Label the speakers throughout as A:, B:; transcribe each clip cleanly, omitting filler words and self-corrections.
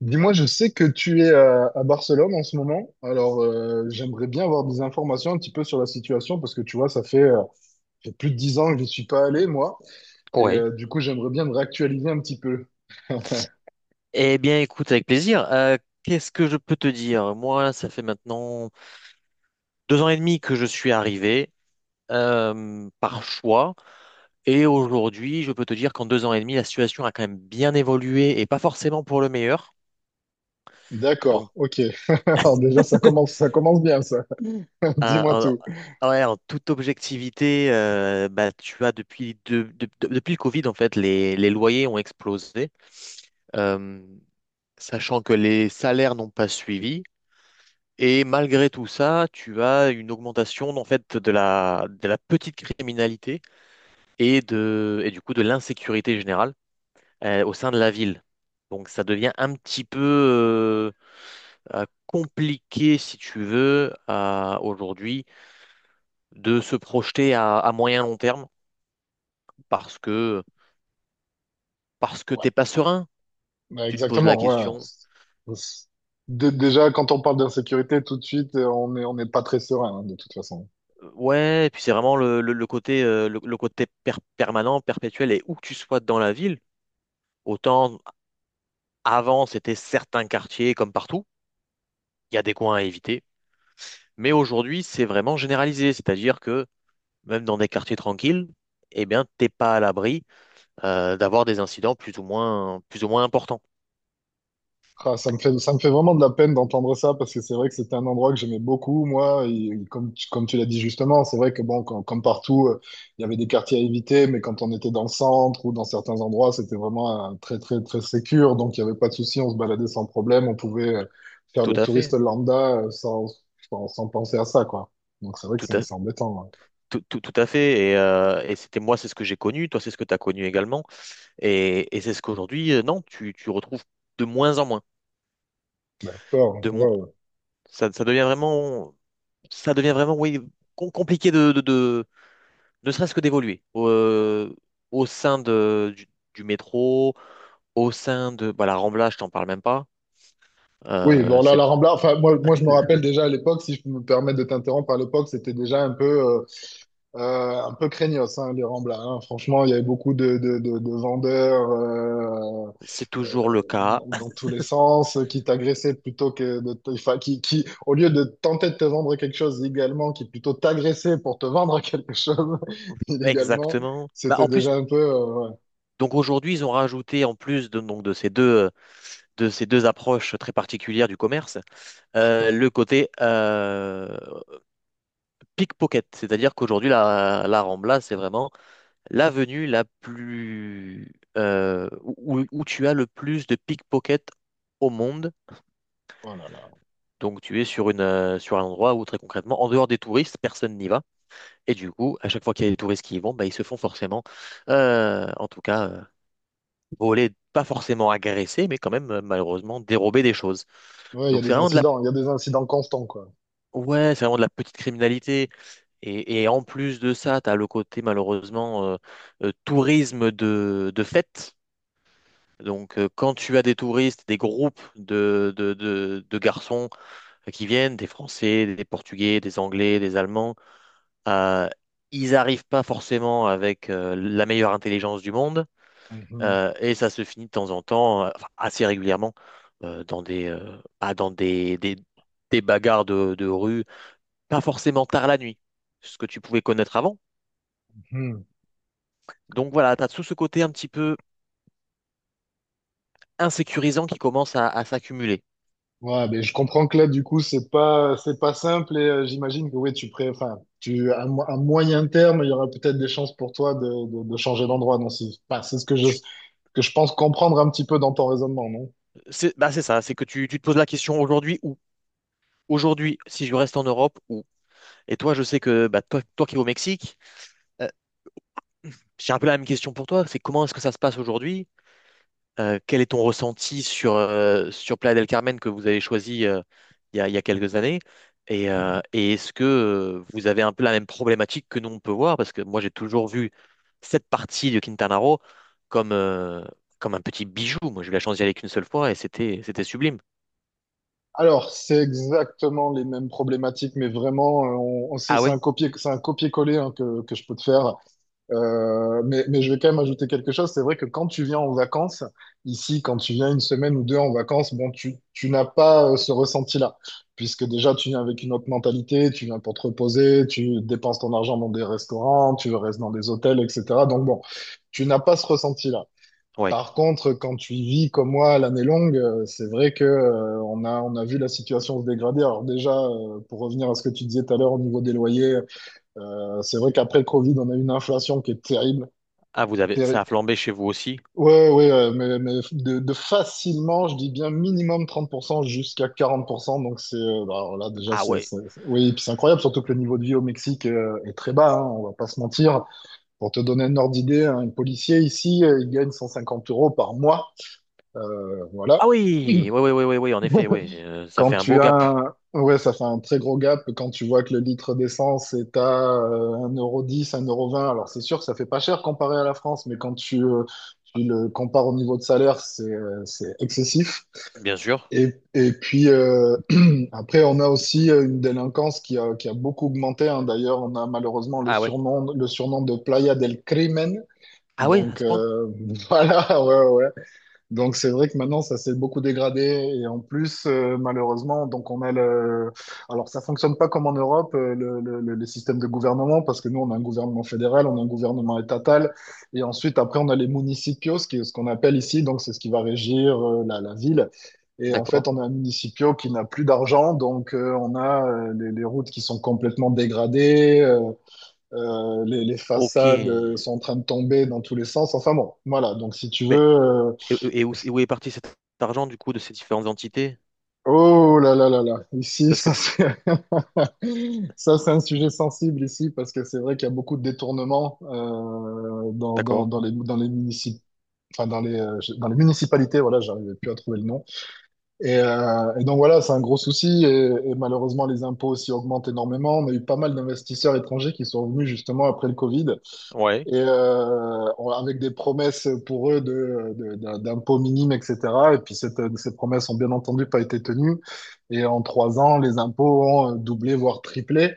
A: Dis-moi, je sais que tu es à Barcelone en ce moment, alors j'aimerais bien avoir des informations un petit peu sur la situation parce que tu vois, ça fait plus de 10 ans que je n'y suis pas allé, moi, et
B: Oui.
A: du coup, j'aimerais bien me réactualiser un petit peu.
B: Eh bien, écoute, avec plaisir. Qu'est-ce que je peux te dire? Moi, ça fait maintenant deux ans et demi que je suis arrivé par choix. Et aujourd'hui, je peux te dire qu'en deux ans et demi, la situation a quand même bien évolué et pas forcément pour le meilleur. Donc,
A: D'accord, ok. Alors déjà, ça commence bien, ça. Dis-moi
B: euh,
A: tout.
B: ouais, en toute objectivité, bah, tu as depuis, depuis le Covid, en fait, les loyers ont explosé. Euh, sachant que les salaires n'ont pas suivi. Et malgré tout ça, tu as une augmentation en fait de de la petite criminalité et du coup de l'insécurité générale au sein de la ville. Donc ça devient un petit peu compliqué, si tu veux, aujourd'hui, de se projeter à moyen long terme parce que parce que
A: Ouais,
B: t'es pas serein.
A: bah,
B: Tu te poses la
A: exactement, ouais.
B: question. tu-
A: Déjà, quand on parle d'insécurité, tout de suite, on n'est pas très serein, hein, de toute façon.
B: Ouais, et puis c'est vraiment le côté le côté permanent, perpétuel, et où que tu sois dans la ville, autant. Avant, c'était certains quartiers, comme partout, il y a des coins à éviter. Mais aujourd'hui, c'est vraiment généralisé, c'est-à-dire que même dans des quartiers tranquilles, eh bien, t'es pas à l'abri d'avoir des incidents plus ou moins importants.
A: Ah, ça me fait vraiment de la peine d'entendre ça parce que c'est vrai que c'était un endroit que j'aimais beaucoup, moi. Et, comme, comme tu l'as dit justement, c'est vrai que bon, comme partout, il y avait des quartiers à éviter, mais quand on était dans le centre ou dans certains endroits, c'était vraiment très, très, très sécure. Donc il n'y avait pas de souci, on se baladait sans problème, on pouvait faire
B: Tout
A: le
B: à
A: touriste
B: fait,
A: lambda sans penser à ça, quoi. Donc c'est vrai que
B: tout à,
A: c'est embêtant, ouais.
B: tout à fait. Et c'était moi, c'est ce que j'ai connu, toi, c'est ce que tu as connu également. Et c'est ce qu'aujourd'hui, non, tu retrouves de moins en moins.
A: D'accord,
B: De moins,
A: waouh.
B: ça, ça devient vraiment, ça devient vraiment, oui, compliqué de, ne serait-ce que d'évoluer au sein du métro, au sein de bah, la Rambla, je t'en parle même pas.
A: Oui,
B: Euh,
A: bon là,
B: c'est,
A: la Rambla, enfin moi, moi je me rappelle déjà à l'époque, si je peux me permettre de t'interrompre, à l'époque c'était déjà un peu, euh, un peu craignos, hein, les Ramblas, hein. Franchement, il y avait beaucoup de vendeurs
B: c'est toujours le cas.
A: dans tous les sens qui t'agressaient plutôt que de enfin, qui, au lieu de tenter de te vendre quelque chose légalement, qui plutôt t'agressaient pour te vendre quelque chose illégalement,
B: Exactement. Bah,
A: c'était
B: en plus,
A: déjà un peu, ouais.
B: donc aujourd'hui, ils ont rajouté, en plus de, donc, de ces deux approches très particulières du commerce, le côté pickpocket. C'est-à-dire qu'aujourd'hui, la Rambla, c'est vraiment l'avenue la plus, où tu as le plus de pickpockets au monde.
A: Oh là là.
B: Donc tu es sur sur un endroit où très concrètement, en dehors des touristes, personne n'y va. Et du coup, à chaque fois qu'il y a des touristes qui y vont, bah, ils se font forcément, en tout cas, voler, pas forcément agresser, mais quand même malheureusement dérober des choses.
A: Ouais, il y a
B: Donc c'est
A: des
B: vraiment de la
A: incidents, il y a des incidents constants, quoi.
B: ouais, c'est vraiment de la petite criminalité. Et en plus de ça, tu as le côté malheureusement tourisme de fête. Donc quand tu as des touristes, des groupes de garçons qui viennent, des Français, des Portugais, des Anglais, des Allemands. Euh, Ils n'arrivent pas forcément avec la meilleure intelligence du monde,
A: Mhm.
B: et ça se finit de temps en temps, enfin, assez régulièrement, dans des, ah, dans des bagarres de rue, pas forcément tard la nuit, ce que tu pouvais connaître avant.
A: Mhm.
B: Donc voilà, tu as tout ce côté un petit peu insécurisant qui commence à s'accumuler.
A: Ouais, mais je comprends que là, du coup, c'est pas simple et j'imagine que oui, enfin, à moyen terme, il y aura peut-être des chances pour toi de changer d'endroit. Non, c'est, enfin, c'est ce
B: Tu-
A: que je pense comprendre un petit peu dans ton raisonnement, non?
B: C'est bah, c'est ça, c'est que tu te poses la question aujourd'hui, où? Aujourd'hui, si je reste en Europe, où? Et toi, je sais que bah, toi qui es au Mexique, euh, j'ai un peu la même question pour toi, c'est comment est-ce que ça se passe aujourd'hui? Quel est ton ressenti sur Playa del Carmen que vous avez choisi il y a quelques années? Et est-ce que vous avez un peu la même problématique que nous on peut voir? Parce que moi j'ai toujours vu cette partie de Quintana Roo comme, comme un petit bijou. Moi j'ai eu la chance d'y aller qu'une seule fois et c'était sublime.
A: Alors, c'est exactement les mêmes problématiques, mais vraiment,
B: Ah
A: c'est
B: ouais?
A: un copier, c'est un copier-coller hein, que je peux te faire. Mais je vais quand même ajouter quelque chose. C'est vrai que quand tu viens en vacances, ici, quand tu viens une semaine ou deux en vacances, bon, tu n'as pas ce ressenti-là, puisque déjà, tu viens avec une autre mentalité, tu viens pour te reposer, tu dépenses ton argent dans des restaurants, tu restes dans des hôtels, etc. Donc bon, tu n'as pas ce ressenti-là.
B: Ouais.
A: Par contre, quand tu vis comme moi l'année longue, c'est vrai que on a vu la situation se dégrader. Alors déjà, pour revenir à ce que tu disais tout à l'heure au niveau des loyers, c'est vrai qu'après le Covid, on a eu une inflation qui est terrible.
B: Ah vous avez,
A: Péri-
B: ça a flambé chez vous aussi?
A: Ouais, ouais, ouais, mais de facilement, je dis bien minimum 30% jusqu'à 40%. Donc, bah, alors là, déjà,
B: Ah ouais.
A: oui, et puis c'est incroyable, surtout que le niveau de vie au Mexique est très bas, hein, on va pas se mentir. Pour te donner un ordre d'idée, hein, un policier ici, il gagne 150 € par mois. Voilà.
B: Ah oui, oui, oui, oui, oui, oui, en effet, oui. Ça
A: Quand
B: fait un beau
A: tu
B: gap,
A: as Ouais, ça fait un très gros gap quand tu vois que le litre d'essence est à un euro dix, un euro vingt. Alors c'est sûr que ça fait pas cher comparé à la France, mais tu le compares au niveau de salaire, c'est excessif.
B: bien sûr.
A: Et puis après, on a aussi une délinquance qui a beaucoup augmenté, hein. D'ailleurs, on a malheureusement
B: Ah ouais.
A: le surnom de Playa del Crimen.
B: Ah ouais, à
A: Donc
B: ce point?
A: voilà, ouais, ouais. Donc c'est vrai que maintenant ça s'est beaucoup dégradé et en plus malheureusement donc on a le alors ça fonctionne pas comme en Europe les systèmes de gouvernement parce que nous on a un gouvernement fédéral, on a un gouvernement étatal et ensuite après on a les municipios, ce qui est ce qu'on appelle ici, donc c'est ce qui va régir la ville et en fait
B: D'accord.
A: on a un municipio qui n'a plus d'argent donc on a les routes qui sont complètement dégradées les
B: Ok.
A: façades
B: Mais
A: sont en train de tomber dans tous les sens. Enfin bon, voilà. Donc si tu veux,
B: et, et où est parti cet argent, du coup, de ces différentes entités?
A: oh là là là là, ici,
B: Parce que,
A: ça c'est ça c'est un sujet sensible ici parce que c'est vrai qu'il y a beaucoup de détournements
B: d'accord.
A: dans les enfin dans les municipalités. Voilà, j'arrivais plus à trouver le nom. Donc voilà, c'est un gros souci et, malheureusement les impôts aussi augmentent énormément. On a eu pas mal d'investisseurs étrangers qui sont venus justement après le Covid
B: Ouais.
A: et avec des promesses pour eux d'impôts minimes, etc. Et puis ces promesses ont bien entendu pas été tenues. Et en 3 ans, les impôts ont doublé, voire triplé.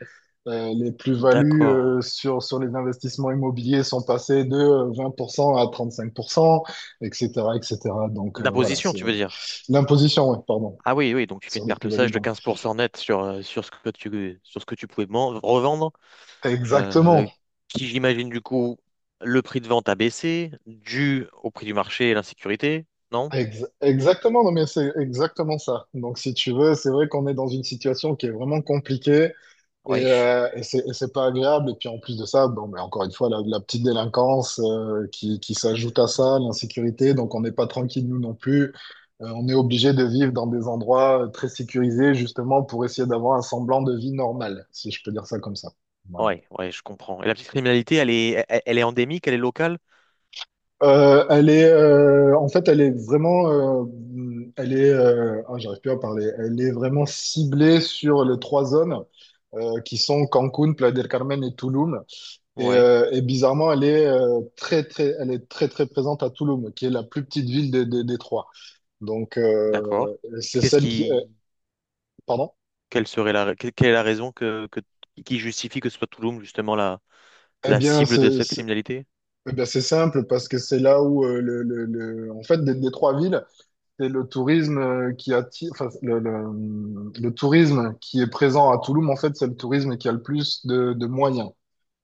A: Les plus-values
B: D'accord.
A: sur les investissements immobiliers sont passées de 20% à 35%, etc., etc. Donc voilà,
B: L'imposition,
A: c'est
B: tu veux dire?
A: l'imposition, ouais, pardon,
B: Ah oui, oui, donc tu fais une
A: sur les
B: perte
A: plus-values.
B: sage de
A: Donc.
B: 15% net sur ce que tu pouvais revendre, euh,
A: Exactement.
B: qui, j'imagine, du coup, le prix de vente a baissé, dû au prix du marché et l'insécurité, non?
A: Exactement, non mais c'est exactement ça. Donc si tu veux, c'est vrai qu'on est dans une situation qui est vraiment compliquée
B: Oui,
A: c'est c'est pas agréable. Et puis en plus de ça, bon, mais encore une fois, la petite délinquance qui s'ajoute à ça, l'insécurité, donc on n'est pas tranquille nous non plus. On est obligé de vivre dans des endroits très sécurisés justement pour essayer d'avoir un semblant de vie normale, si je peux dire ça comme ça. Voilà.
B: ouais, ouais, je comprends. Et la petite criminalité, elle est, elle est endémique, elle est locale?
A: En fait, elle est vraiment, elle est, ah, j'arrive plus à parler. Elle est vraiment ciblée sur les trois zones qui sont Cancun, Playa del Carmen et Tulum.
B: Ouais,
A: Bizarrement, elle est elle est très, très présente à Tulum, qui est la plus petite ville des trois. Donc,
B: d'accord.
A: c'est
B: Qu'est-ce
A: celle qui,
B: qui,
A: pardon?
B: quelle serait la, quelle quelle est la raison qui justifie que ce soit Tulum justement la,
A: Eh
B: la
A: bien,
B: cible de
A: c'est,
B: cette
A: c'est-
B: criminalité?
A: eh bien, c'est simple parce que c'est là où en fait, des trois villes, c'est le tourisme qui attire, enfin, le tourisme qui est présent à Toulouse, en fait, c'est le tourisme qui a le plus de moyens.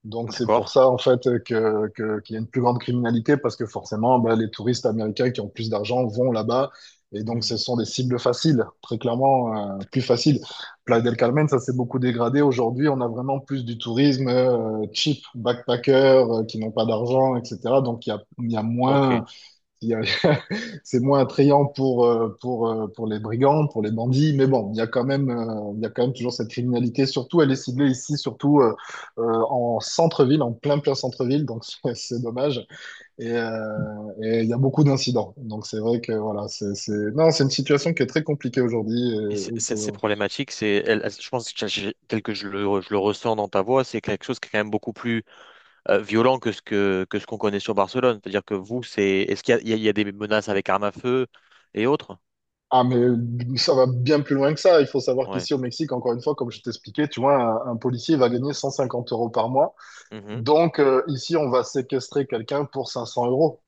A: Donc, c'est
B: D'accord.
A: pour ça, en fait, qu'il y a une plus grande criminalité parce que forcément, bah, les touristes américains qui ont plus d'argent vont là-bas. Et donc,
B: Hmm.
A: ce sont des cibles faciles, très clairement, plus faciles. Playa del Carmen, ça s'est beaucoup dégradé. Aujourd'hui, on a vraiment plus du tourisme cheap, backpacker, qui n'ont pas d'argent, etc. Donc, il y a
B: Ok.
A: moins. Il y a- C'est moins attrayant pour les brigands, pour les bandits, mais bon, il y a quand même toujours cette criminalité. Surtout, elle est ciblée ici, surtout euh, en centre-ville, en plein plein centre-ville, donc c'est dommage. Et, euh, il y a beaucoup d'incidents. Donc c'est vrai que voilà, non, c'est une situation qui est très compliquée aujourd'hui,
B: Ces problématiques, je pense que tel que je le ressens dans ta voix, c'est quelque chose qui est quand même beaucoup plus violent que que ce qu'on connaît sur Barcelone. C'est-à-dire que vous, est-ce qu'il y a, il y a des menaces avec armes à feu et autres?
A: ah, mais ça va bien plus loin que ça. Il faut savoir
B: Ouais.
A: qu'ici au Mexique, encore une fois, comme je t'expliquais, tu vois, un policier va gagner 150 € par mois.
B: Mhm.
A: Donc, ici, on va séquestrer quelqu'un pour 500 euros.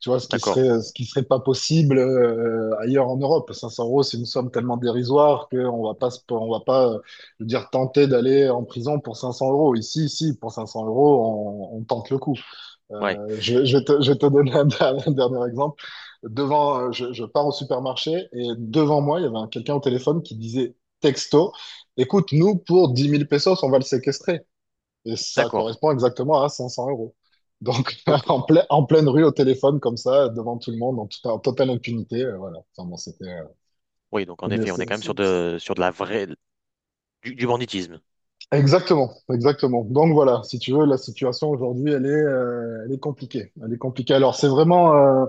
A: Tu vois,
B: D'accord.
A: ce qui serait pas possible ailleurs en Europe. 500 euros, c'est une somme tellement dérisoire qu'on va pas, je veux dire, tenter d'aller en prison pour 500 euros. Ici, pour 500 euros, on tente le coup.
B: Ouais.
A: Je vais te donner dernier un dernier exemple. Je pars au supermarché et devant moi, il y avait quelqu'un au téléphone qui disait texto, écoute, nous, pour 10 000 pesos, on va le séquestrer. Et ça
B: D'accord.
A: correspond exactement à 500 euros. Donc,
B: Ok.
A: en pleine rue, au téléphone, comme ça, devant tout le monde, en totale impunité, voilà. Enfin, bon,
B: Oui, donc en
A: c'était-
B: effet, on est
A: c'est-
B: quand même
A: c'est- c'est-
B: sur de la vraie, du banditisme.
A: exactement, exactement. Donc, voilà, si tu veux, la situation aujourd'hui, elle est compliquée. Elle est compliquée. Alors,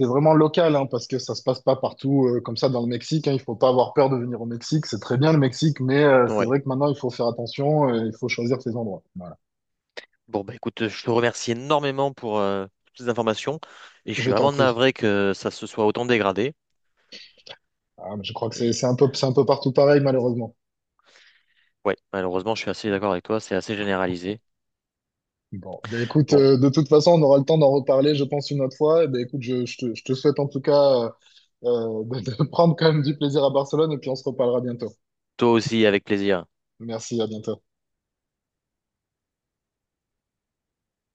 A: c'est vraiment local, hein, parce que ça se passe pas partout comme ça dans le Mexique, hein. Il faut pas avoir peur de venir au Mexique. C'est très bien le Mexique, mais c'est
B: Ouais.
A: vrai que maintenant, il faut faire attention, il faut choisir ses endroits. Voilà.
B: Bon, bah écoute, je te remercie énormément pour toutes ces informations et je
A: Je
B: suis
A: t'en
B: vraiment
A: prie.
B: navré que ça se soit autant dégradé.
A: Ah, mais je crois que
B: Et
A: c'est un peu partout pareil, malheureusement.
B: ouais, malheureusement, je suis assez d'accord avec toi, c'est assez généralisé.
A: Bon, ben écoute,
B: Bon,
A: de toute façon, on aura le temps d'en reparler, je pense, une autre fois. Eh ben écoute, je te souhaite en tout cas de prendre quand même du plaisir à Barcelone et puis on se reparlera bientôt.
B: toi aussi, avec plaisir.
A: Merci, à bientôt.